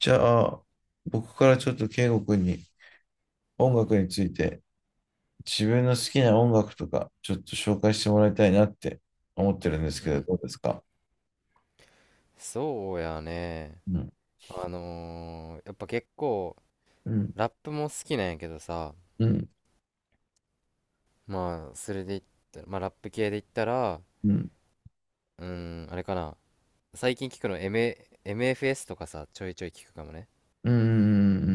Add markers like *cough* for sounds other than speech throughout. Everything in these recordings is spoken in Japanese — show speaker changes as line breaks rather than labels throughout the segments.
じゃあ、僕からちょっと圭吾君に音楽について自分の好きな音楽とかちょっと紹介してもらいたいなって思ってるんです
う
けど、
ん、
どうですか？
そうやね。
うん、
やっぱ結構、
うん、
ラップも好きなんやけどさ、
うん、
まあ、それで言ったら、まあ、ラップ系で言ったら、
うん、
うん、あれかな。最近聞くのエムエー、m f s とかさ、ちょいちょい聞くかもね。
うん、う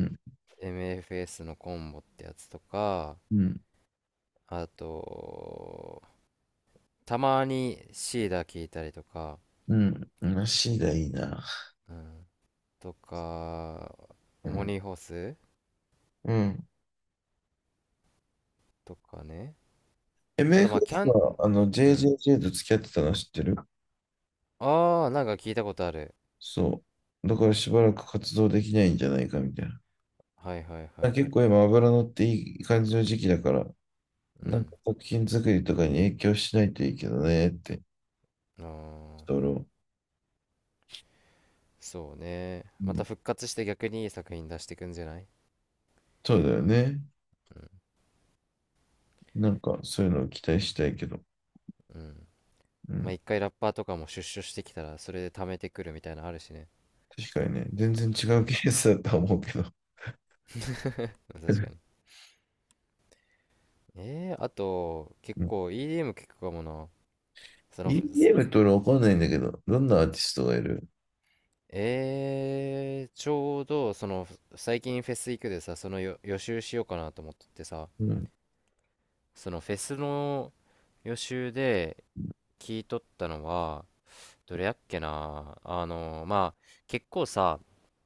ん、
MFS のコンボってやつとか、
う
あと、たまにシーダ聞いたりとか、
ん、うん、足がいいな。
うん、とか、
う
モ
ん、
ニーホース
うん。
とかね。あと、まあ、キ
MFS
ャン、
はあの
うん。
JJJ と付き合ってたの知ってる？
ああ、なんか聞いたことある。
そう。だからしばらく活動できないんじゃないかみたい
はいはいは
な。
い。
結構今脂乗っていい感じの時期だから、
う
なん
ん。
か作品作りとかに影響しないといいけどねって、
あ
人
あ、
ろ、
そうね。
う
また
ん、
復活して逆にいい作品出してくんじゃない？
そうだよね。
うん。
なんかそういうのを期待したいけど、
うん。
う
まあ、
ん、
1回ラッパーとかも出所してきたら、それで貯めてくるみたいなのあるしね。
確かにね、全然違
う
うケ
ん。
ースだとは思うけど。
*laughs* 確か
う
に。あと、結
ん、
構 EDM 聞くかもな。その、す
EDM って俺わかんないんだけど、どんなアーティストがいる？
ちょうど、最近フェス行くでさ、そのよ予習しようかなと思っててさ、
うん、
そのフェスの予習で聞いとったのは、どれやっけな。まあ結構さ、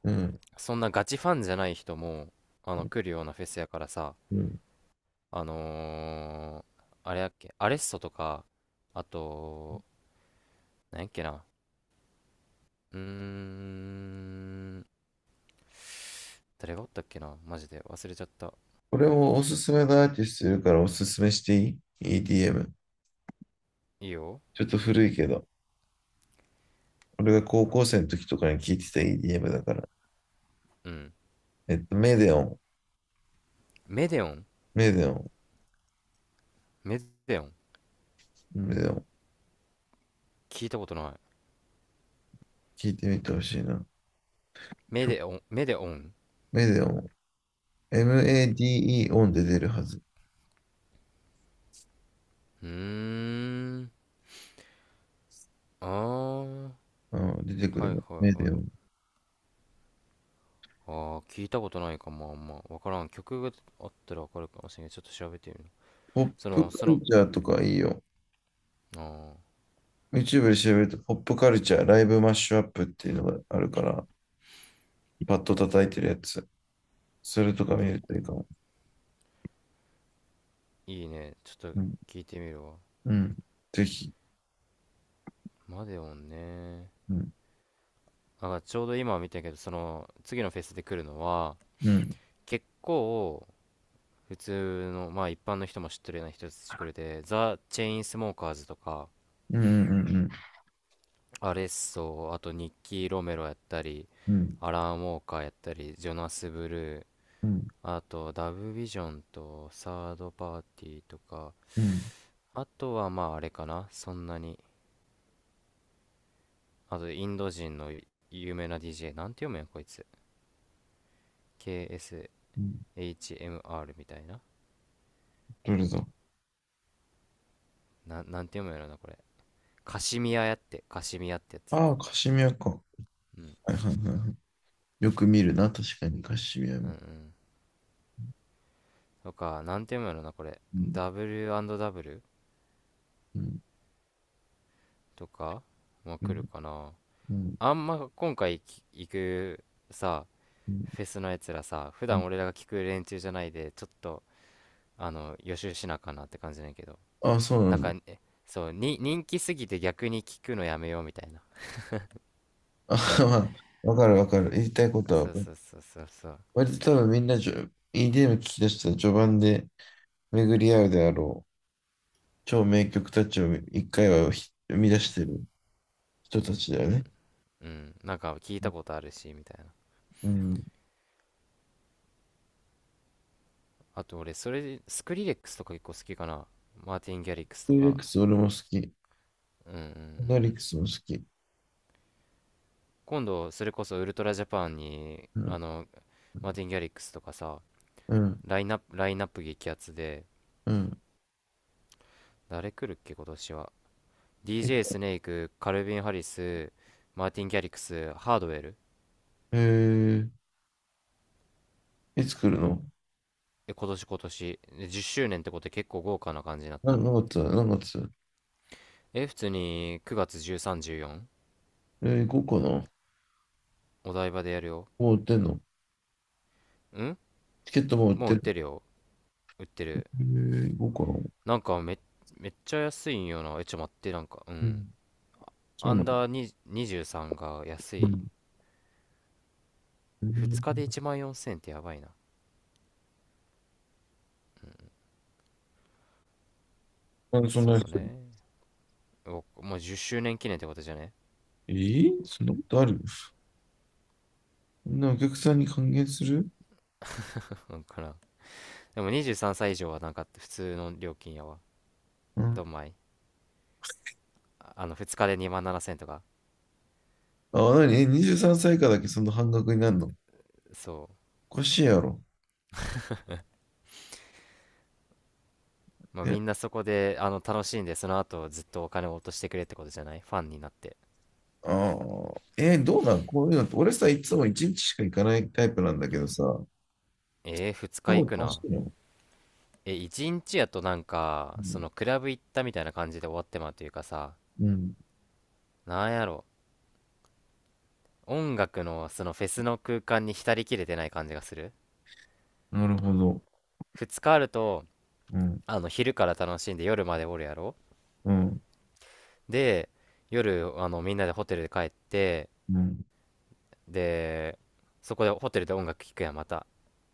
うん、
そんなガチファンじゃない人も来るようなフェスやからさ、
うん。
あのーあれやっけ、アレッソとか、あと、なんやっけな、うーん誰がおったっけな、マジで忘れちゃった。
これもおすすめのアーティストいるからおすすめしていい？ EDM。
いいよ。
ちょっと古いけど、俺が高校生の時とかに聞いてた EDM だから。
うん。
メデオン、
メデオン
メデオン、
メデオン。
メデオン。
聞いたことない。
聞いてみてほしいな。
メデオンメデオン。
メデオン。MADE オンで出るはず。
うーんああ、
うん、出てく
はい
る
は
の。メ
いは
デ
い。
オン。
ああ、聞いたことないかも、あんま。わからん。曲があったらわかるかもしれない。ちょっと調べてみる。
ポッ
そ
プ
の、
カ
そ
ル
の、
チャーとかいいよ。
ああ、
YouTube で調べると、ポップカルチャー、ライブマッシュアップっていうのがあるから、パッと叩いてるやつ。それとか見
き、
るといいかも。
いいね。ちょっ
う
と
ん。
聞いてみるわ。
うん。ぜひ。
マデオンね。
うん。
あ、ちょうど今見たけど、次のフェスで来るのは、
うん。
結構、普通の、まあ一般の人も知ってるような人たち来るで、ザ・チェインスモーカーズとか、
うん。うん。
アレッソ、あとニッキー・ロメロやったり、
うんうん。
アラン・ウォーカーやったり、ジョナス・ブルー、
うん。
あと、ダブビジョンとサードパーティーとか、
うん。
あとはまああれかな、そんなに。あと、インド人の有名な DJ、なんて読むんや、こいつ。KSHMR
うん。
みたいな。
どれだ？
なんて読むんやろな、これ。カシミヤやって、カシミヤってやつ。
ああ、カシミヤか。は
うん。
いはいはいはい。よく見るな、確かにカシミヤ
うんう
も。
ん。とか、なんて読むんやろな、これ。
うん。
W&W
うん。
とかも
う
来
ん。
るかな。
う
あんま今回行くさ、
ん。
フェスのやつらさ、普
うん。
段俺らが聞く連中じゃないで、ちょっと、予習しなあかんなって感じなんやけど、
ああ、そうな
なん
んだ。
かね、そうに人気すぎて逆に聞くのやめようみたいな。
*laughs* あ、まあ、わかる、わかる。言いたいことはわ
そう
かる。
そうそうそうそう。
割と多分みんなEDM 聞き出したら序盤で巡り合うであろう。超名曲たちを一回は生み出してる人たちだ
う
よ
ん
ね。
うん。なんか聞いたことあるしみたいな。
うん。
あと俺それでスクリレックスとか結構好きかな、マーティン・ギャリックス
ト
と
ゥーレッ
か。
クス俺も好き。
うんうんう
アナ
ん。
リックスも好き。
今度それこそウルトラジャパンに
うん。
マーティン・ギャリックスとかさ、
うん。
ラインナップ激アツで、
うん。
誰来るっけ今年は。
え、
DJ スネーク、カルビン・ハリス、マーティン・ギャリックス、ハードウェル。
えいつ来るの？
今年で10周年ってことで結構豪華な感じになっ
な
てる。
何月だ何月？
普通に9月1314、
5個の、
お台場でやるよ。
もう売ってんの？
ん。
チケットもう売っ
もう売
て
っ
る？
てるよ。売ってる。
5個の。
なんか、めっちゃ安いんよな。ちょっ待って、なんか、う
う
ん。
ん。そ
ア
うな
ン
の。
ダーに23が安
う
い。
ん。う
2日で
ん。
1万4000ってやばいな。
なんでそんなに？
そうね。おもう10周年記念ってことじゃね？
えーそんなことある？そんなお客さんに還元する？
*laughs* なんかな。でも23歳以上はなんか普通の料金やわ。
うん。
どんまい。2日で2万7000とか。
あ、なに、え？ 23 歳以下だけその半額になるの？
そう。
おかしいやろ。
まあ、
え、
みんなそこで楽しんで、その後ずっとお金を落としてくれってことじゃない？ファンになって。
ああ、どうなんこういうのって、俺さ、いつも1日しか行かないタイプなんだけどさ、多
2日行
分
く
楽し
な。
いの？
1日やとなんか
う
そ
ん。
のクラブ行ったみたいな感じで終わってまうというかさ、
うん、
なんやろ、音楽のそのフェスの空間に浸りきれてない感じがする。
なるほど。
2日あると、
うん。
昼から楽しんで夜までおるやろ。
うん。
で、夜みんなでホテルで帰って、
うん。
で、そこでホテルで音楽聴くやん、また。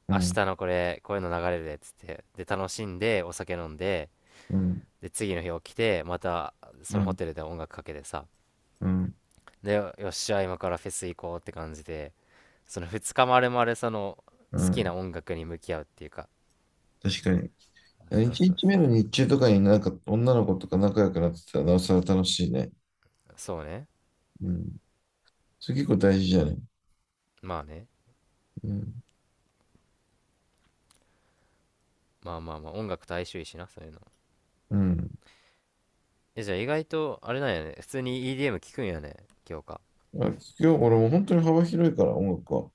う
明日
ん。
のこれ、こういうの流れるで、つって。で、楽しんで、お酒飲んで、
うん。
で、次の日起きて、また、そ
う
のホ
ん。
テルで音楽かけてさ。
うん。
で、よっしゃ、今からフェス行こうって感じで、その2日丸々、
う
好き
ん。
な音楽に向き合うっていうか。
確かに。
そう
1
そう
日目
そ
の
う。
日中とかになんか女の子とか仲良くなってたらなおさら楽しいね。
そうね。
うん。それ結構大事じゃない？
まあね。
うん。
まあまあまあ、音楽と相性いいしな、そういうの。
うん。
え、じゃあ意外と、あれなんやね。普通に EDM 聞くんやね、今日か。
あ、聞くよ、俺もう本当に幅広いから、音楽は。こ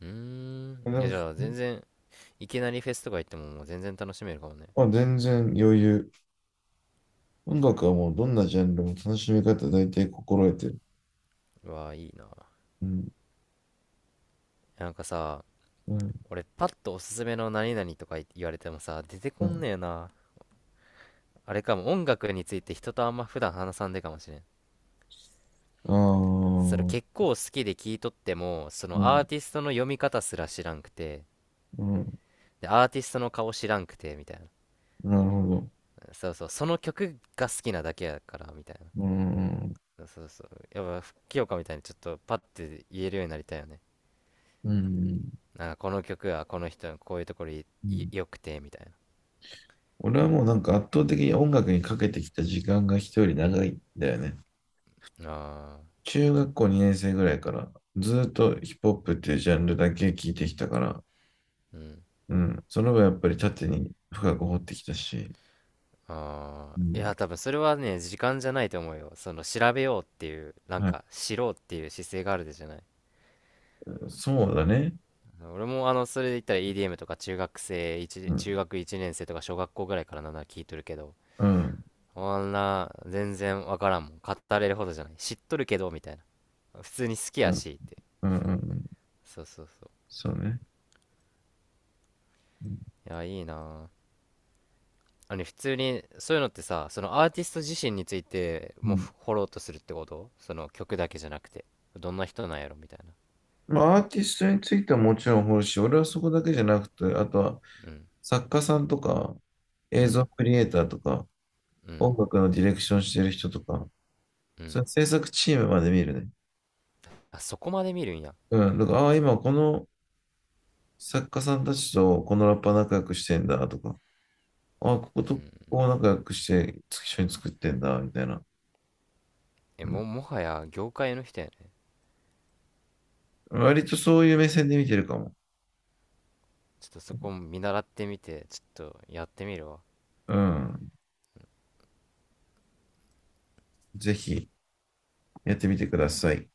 うーん。
れで
え、
も
じ
聞
ゃあ全
く。
然、いきなりフェスとか行ってももう全然楽しめるかもね。
まあ、全然余裕。音楽はもうどんなジャンルも楽しみ方大体心得てる。
うわあ、いいな。
うん、
なんかさ、
うん、
俺パッとおすすめの何々とか言われてもさ、出て
う
こん
ん。
ねえな。あれかも、音楽について人とあんま普段話さんでかもしれん。
ああ、
それ結構好きで聞いとっても、そ
う
のア
ん、
ーティストの読み方すら知らんくて、
うん、
でアーティストの顔知らんくてみたいな。
なるほど。
そうそう、その曲が好きなだけやからみたい
うん、
な。そうそうそう。やっぱ清香みたいにちょっとパッて言えるようになりたいよね。
うん、
なんかこの曲はこの人のこういうところい
う
い
ん。
良くてみたい
俺はもうなんか圧倒的に音楽にかけてきた時間が人より長いんだよね。
な。あ
中学校2年生ぐらいからずーっとヒップホップっていうジャンルだけ聞いてきたから、
あ、うん。
うん、その分やっぱり縦に深く掘ってきたし、
あ
う
あ、い
ん、
や、多分それはね、時間じゃないと思うよ。その、調べようっていう、なん
はい。
か、知ろうっていう姿勢があるでじゃない。
そうだね。
俺も、それで言ったら EDM とか、
う
中
ん。
学1年生とか小学校ぐらいからなんなら聞いとるけど、
うん。
あんな、全然わからんもん。語れるほどじゃない。知っとるけど、みたいな。普通に好き
う
や
ん。
し、って。
うん。うん。
そうそうそう。
そうね。
いや、いいなあ。普通に、そういうのってさ、そのアーティスト自身について
う
も
ん。
掘ろうとするってこと、その曲だけじゃなくて。どんな人なんやろみたいな。
まあ、アーティストについてはもちろん掘るし、俺はそこだけじゃなくて、あとは
うん。
作家さんとか、
う
映像
ん、
クリエイターとか、
うん、
音楽のディレクションしてる人とか、
う
そ
ん。
れ制作チームまで見るね。
あ、そこまで見るんや。
うん。だから、ああ、今この作家さんたちとこのラッパー仲良くしてんだとか、ああ、ここ
う
とこ
ん。
こ仲良くして一緒に作ってんだみたいな。
え、
うん。
もはや業界の人やね。
割とそういう目線で見てるかも。
ちょっとそこ見習ってみて、ちょっとやってみるわ。
うん。ぜひ。やってみてください。